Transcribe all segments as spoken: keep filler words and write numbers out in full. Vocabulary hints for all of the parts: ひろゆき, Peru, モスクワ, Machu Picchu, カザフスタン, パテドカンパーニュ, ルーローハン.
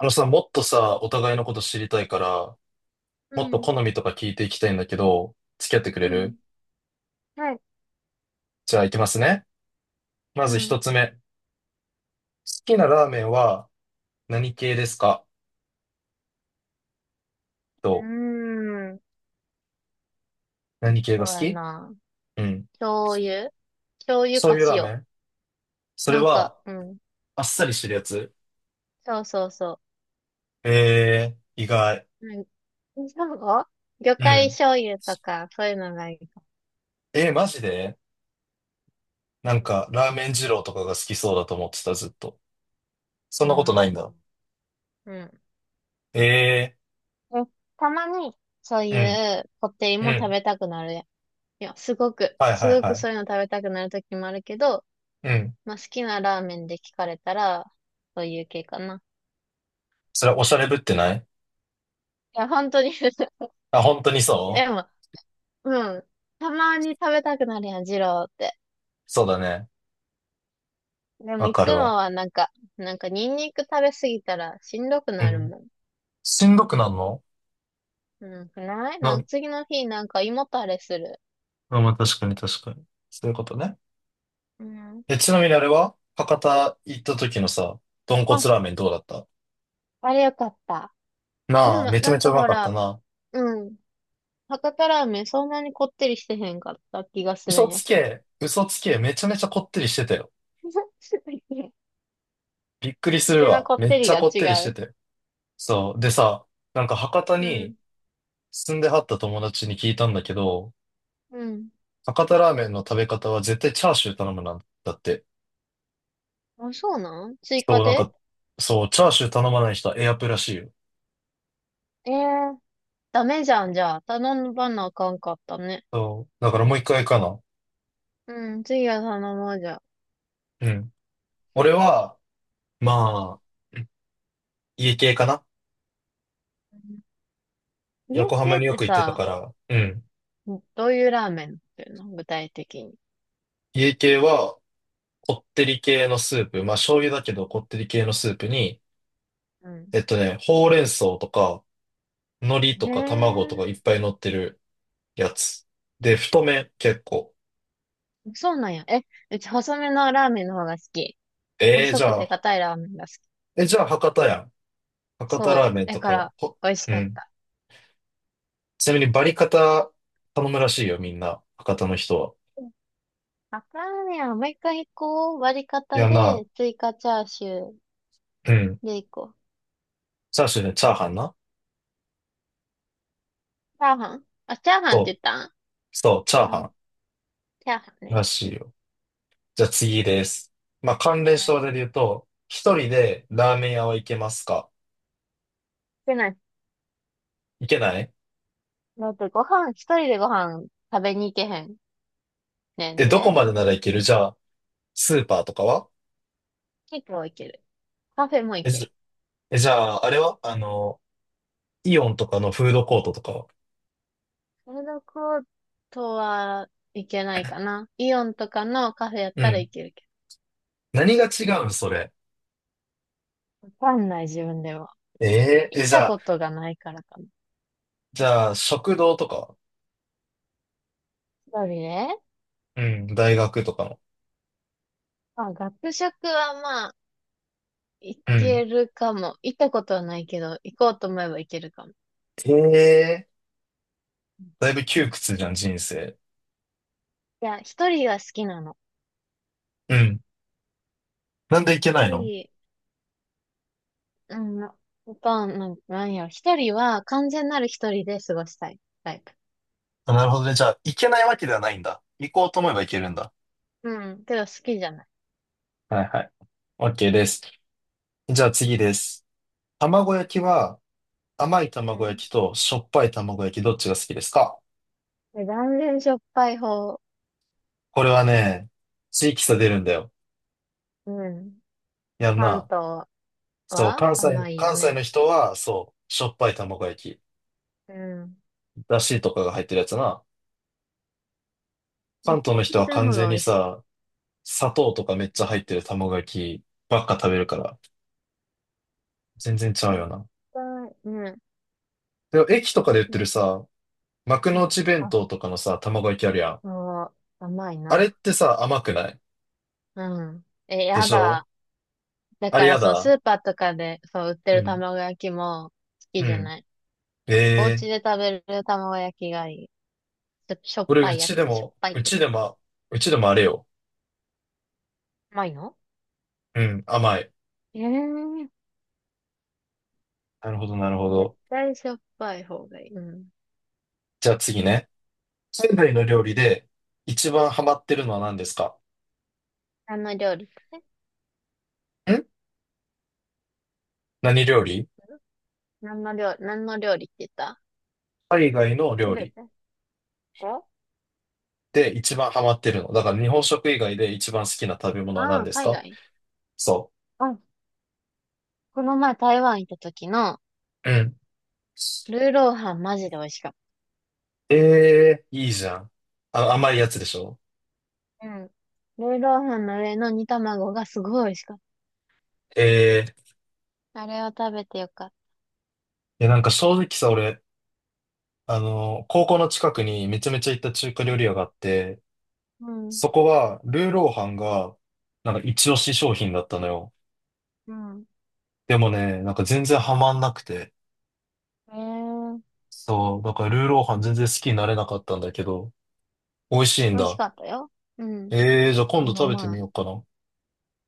あのさ、もっとさ、お互いのこと知りたいから、うもっとん、好みとか聞いていきたいんだけど、付き合ってくれうる？ん、はい、じゃあ行きますね。まうずん。一つ目。好きなラーメンは何系ですか？うと、ーん、何系が好そうやき？な。うん。醤油醤油そうかいうラーメ塩。ン、それなんは、か、うん。あっさりしてるやつ？そうそうそえー、意外。う。うん。そう、魚う介ん。醤油とか、そういうのがいいかも。えー、マジで？なんか、ラーメン二郎とかが好きそうだと思ってた、ずっと。そんうなことなん。いんだ。うん。ええ、たまに、そういー、うこってりうん、うも食ん。べたくなるやん。いや、すごく、はいすはいごはくい。そういうの食べたくなるときもあるけど、うん。まあ、好きなラーメンで聞かれたら、そういう系かな。それはおしゃれぶってない？いや、本当に。 あ、本当にそう？でも、うん。たまに食べたくなるやん、二郎って。そうだね。でもわいかつるもわ。はなんか、なんかニンニク食べすぎたらしんどくうなるん。もん。しんどくなんの？うん、ないななんかん、次の日なんか胃もたれする。あまあ、確かに確かに。そういうことね。うん。え、ちなみにあれは博多行った時のさ、豚骨あ、ラーメンどうだった？あれよかった。でなあ、もめちゃなめんちゃかうまほかったら、な。うん。博多ラーメンそんなにこってりしてへんかった気がする嘘んやつけど。け、嘘つけ、めちゃめちゃこってりしてたよ。びっくりうするちのわ。こっめてっちりゃがこってりし違てう。て。そう。でさ、なんか博多うにん。住んではった友達に聞いたんだけど、うん。博多ラーメンの食べ方は絶対チャーシュー頼むなんだって。あ、そうなん？追そ加う、なんで？か、そう、チャーシュー頼まない人はエアプらしいよ。ええー、ダメじゃん、じゃあ。頼ばなあかんかったね。そう、だからもう一回かな。うん、次は頼もうじゃあ。うん。俺は、うまあ、家系かな。ん。家、横浜家にっよてく行ってたさ、から、うん。どういうラーメンなっていうの具体的に。家系は、こってり系のスープ、まあ醤油だけどこってり系のスープに、うん。えっとね、ほうれん草とか、海苔へとか卵とかえ、いっぱい乗ってるやつ。で、太麺結構。そうなんや。え、うち細めのラーメンの方が好き。えー、細じくゃてあ、硬いラーメンが好き。え、じゃあ博多やん。博多ラそーメンう。だとかか、ら、ほ、美味しうかっん。た。ちなみにバリカタ頼むらしいよ、みんな。博多の人は。うん。あかんやん。もう一回こう。割りい方やな、で、追加チャーシューうん。でいこチャーシューね、チャーハンな。う。チャーハン、あ、チャーハンって言そったん？う、そう、チャーうハん。ンチャーハンね。らしういん。よ。じゃあ次です。まあ、関連はしい。で言うと、一人でラーメン屋は行けますか？してない。行けない？だってご飯、一人でご飯食べに行けへんねえ、んどこで。までなら行ける？じゃあ、スーパーとかは？結構いける。カフェもいえ、けじゃる。え、じゃあ、あれはあの、イオンとかのフードコートとかは？フードコートはいけないかな。イオンとかのカフェやっうたらいん。けるけ何が違うんそれ。ど。わかんない自分では。えー行え、っじたゃあ、ことがないからかな。じゃあ、食堂とかは？一人ね。うん、大学とかの。まあ、学食はまあ、行うん。けるかも。行ったことはないけど、行こうと思えば行けるかも。ええ、だいぶ窮屈じゃん、人生。いや、一人が好きなの。うん。なんで行けな一いの？人、うん、ほとんど、なんなんやろ。一人は完全なる一人で過ごしたいタイプ。あ、なるほどね。じゃあ、行けないわけではないんだ。行こうと思えば行けるんだ。うん、けど好きじゃない。はいはい。OK です。じゃあ次です。卵焼きは甘いう卵ん。焼きとしょっぱい卵焼きどっちが好きですか？で、断然しょっぱい方。これはね、地域差出るんだよ。うん。やん関な。東そう、は関西、甘いよ関西ね。の人は、そう、しょっぱい卵焼き、うん。だしとかが入ってるやつな。絶関東対のこ人っはちの完方全がに美味しい。さ、砂糖とかめっちゃ入ってる卵焼きばっか食べるから、全然違う絶よな。対、うん。でも駅とかで売ってるね、さ、幕うのん。内弁あ、当とかのさ、卵焼きあるやん。そう、甘いあれっな。てさ、甘くない？うん。え、でやしょ？だ。だあれからやそう、スだ。ーパーとかで、そう、売ってうるん。卵焼きも好きうじゃん。ない。えおえ家ー、で食べる卵焼きがいい。ちょっとしょっ俺、ぱういやちでつ、しょっも、ぱいっうていうちか。でも、うちでもあれよ。甘いの？うん、甘い。ええー、なるほど、なるほ絶ど。対しょっぱい方がいい。うん。じゃあ次ね。海外の料理で一番ハマってるのは何ですか？何の料理って？ん？何料理？何の料理、何の料理って言った？海外のす料べ理て。こ、で一番ハマってるの。だから日本食以外で一番好きな食べ物はあ何あー、です海か？外。そうん。この前台湾行った時の、う。うん。ルーローハンマジで美味しかっええ、いいじゃん。あ、甘いやつでしょ？た。うん。た。ルーローハンの上の煮卵がすごい美味しかっええ、た。あれを食べてよかっいや、なんか正直さ、俺、あの、高校の近くにめちゃめちゃ行った中華た。う料ん。理屋があって、うん。そこは、ルーローハンが、なんか一押し商品だったのよ。うん。でもね、なんか全然ハマんなくて。ええ、そう、だからルーローハン全然好きになれなかったんだけど、美味しいん美味しだ。かったよ。うん。ええ、じゃあ今で度も食べてまみあ、ようかな。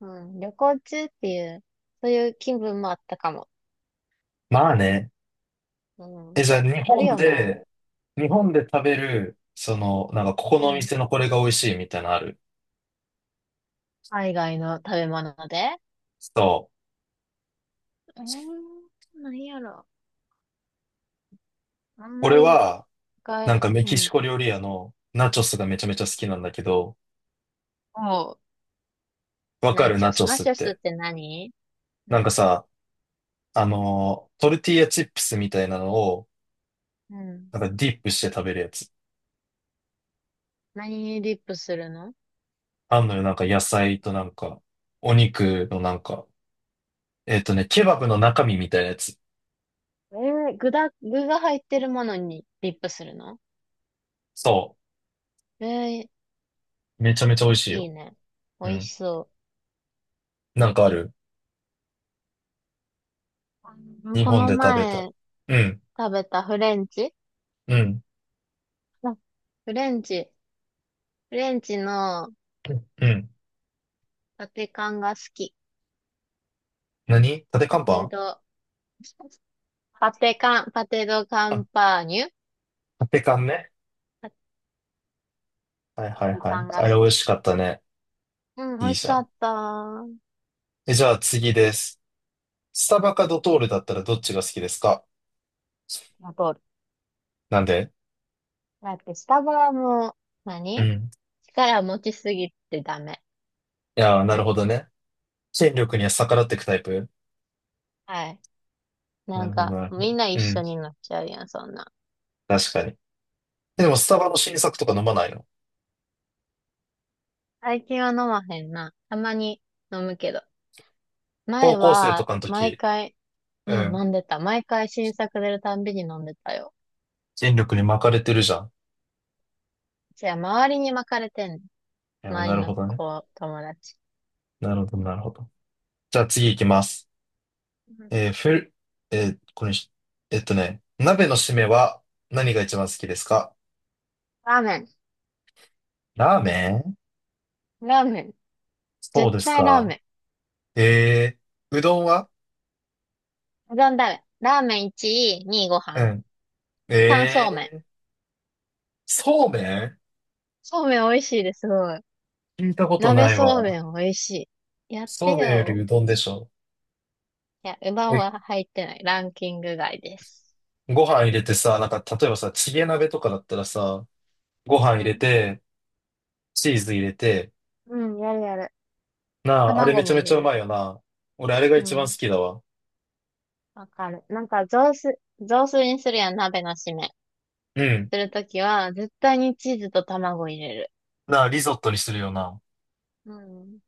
うん、旅行中っていう、そういう気分もあったかも。まあね。うん。え、じゃやあっ日ぱり本よな。で、日本で食べる、その、なんかここうのおん。店のこれが美味しいみたいなのある？海外の食べ物で。そう。うーん、何やろ。あんま俺り、は、なんが、かメうキシん。コ料理屋のナチョスがめちゃめちゃ好きなんだけど、も、わかナるチナョチス。ョナスっチョスって。て何？うなんん。かさ、あのートルティーヤチップスみたいなのを、うん。なんかディップして食べるやつ。何にリップするの？あんのよ、なんか野菜となんか、お肉のなんか、えっとね、ケバブの中身みたいなやつ。えー、具だ、具が入ってるものにリップするの？そえー、う。めちゃめちゃ美味しいいいよ。ね。美う味ん。しそなんかある？う。うん。日こ本ので食べた。前うん。食べたフレンチ、うん。あ、フレンチ。フレンチのうん。パテカンが好き。何立てパ看テ板？ド、パテカン、パテドカあ、ンパーニュ。立て看ね。パはいはいテはカい。ンがあ好れ美味き。しかったね。うん、美いい味しじゃかん。った。え、じゃあ次です。スタバかドトールだったらどっちが好きですか？あと。なんで？だってスタバも、う何、ん。力持ちすぎてダメ。いやー、なるほどね。権力には逆らっていくタイプ？はい。ななんるほど、か、なるほみんど。な一う緒ん。になっちゃうやん、そんな。確かに。でもスタバの新作とか飲まないの？最近は飲まへんな。たまに飲むけど。高前校生とは、かの毎時、回、ううん、ん。飲んでた。毎回新作出るたんびに飲んでたよ。権力に巻かれてるじゃん。じゃあ、周りに巻かれてんねん。いやー、周なりるのほどね。子、友達。なるほど、なるほど。じゃあ次行きます。うん。えーフル、えーこれにし、えっとね、鍋の締めは何が一番好きですか？ラーメン。ラーメン？ラーメン。そう絶です対ラーか。メえー、うどんは？ン。うどんだめ。ラーメンいちい、にいご飯。うん。さんそうめん。ええ、そうめん？そうめん美味しいです、すごい。聞いたことな鍋いそうわ。めん美味しい。やってそうめんよりよ。うどんでしょ。いや、うどんえ、は入ってない。ランキング外です。ご飯入れてさ、なんか、例えばさ、チゲ鍋とかだったらさ、ごう飯入れん。て、チーズ入れて、うん、やるやる。なあ、あれめ卵ちゃもめ入ちれゃうる。まいよな。俺、あれがう一番好ん。きだわ。わかる。なんか雑炊、雑炊にするやん、鍋の締め。うん。するときは、絶対にチーズと卵入れる。なあ、リゾットにするよな。うん。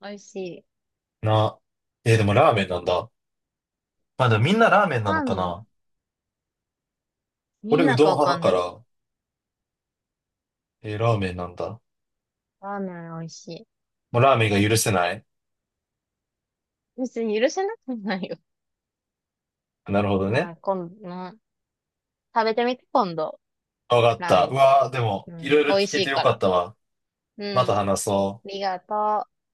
美味しい。なあ。えーでもラーメンなんだ。まあ、でもみんなラーメンなラのーかメン。な。み俺、んうなどかんわ派かだんかないけど。ら、えーラーメンなんだ。ラーメン美味しい。もうラーメンが許せない。別に許せなくないよ。なるほどはね。い、今度、うん、食べてみて、今度。わかっラーメた。うン。わあ、でも、ういろいん。ろ美味聞しけていよかかっら。たわ。まうたん。話そあう。りがとう。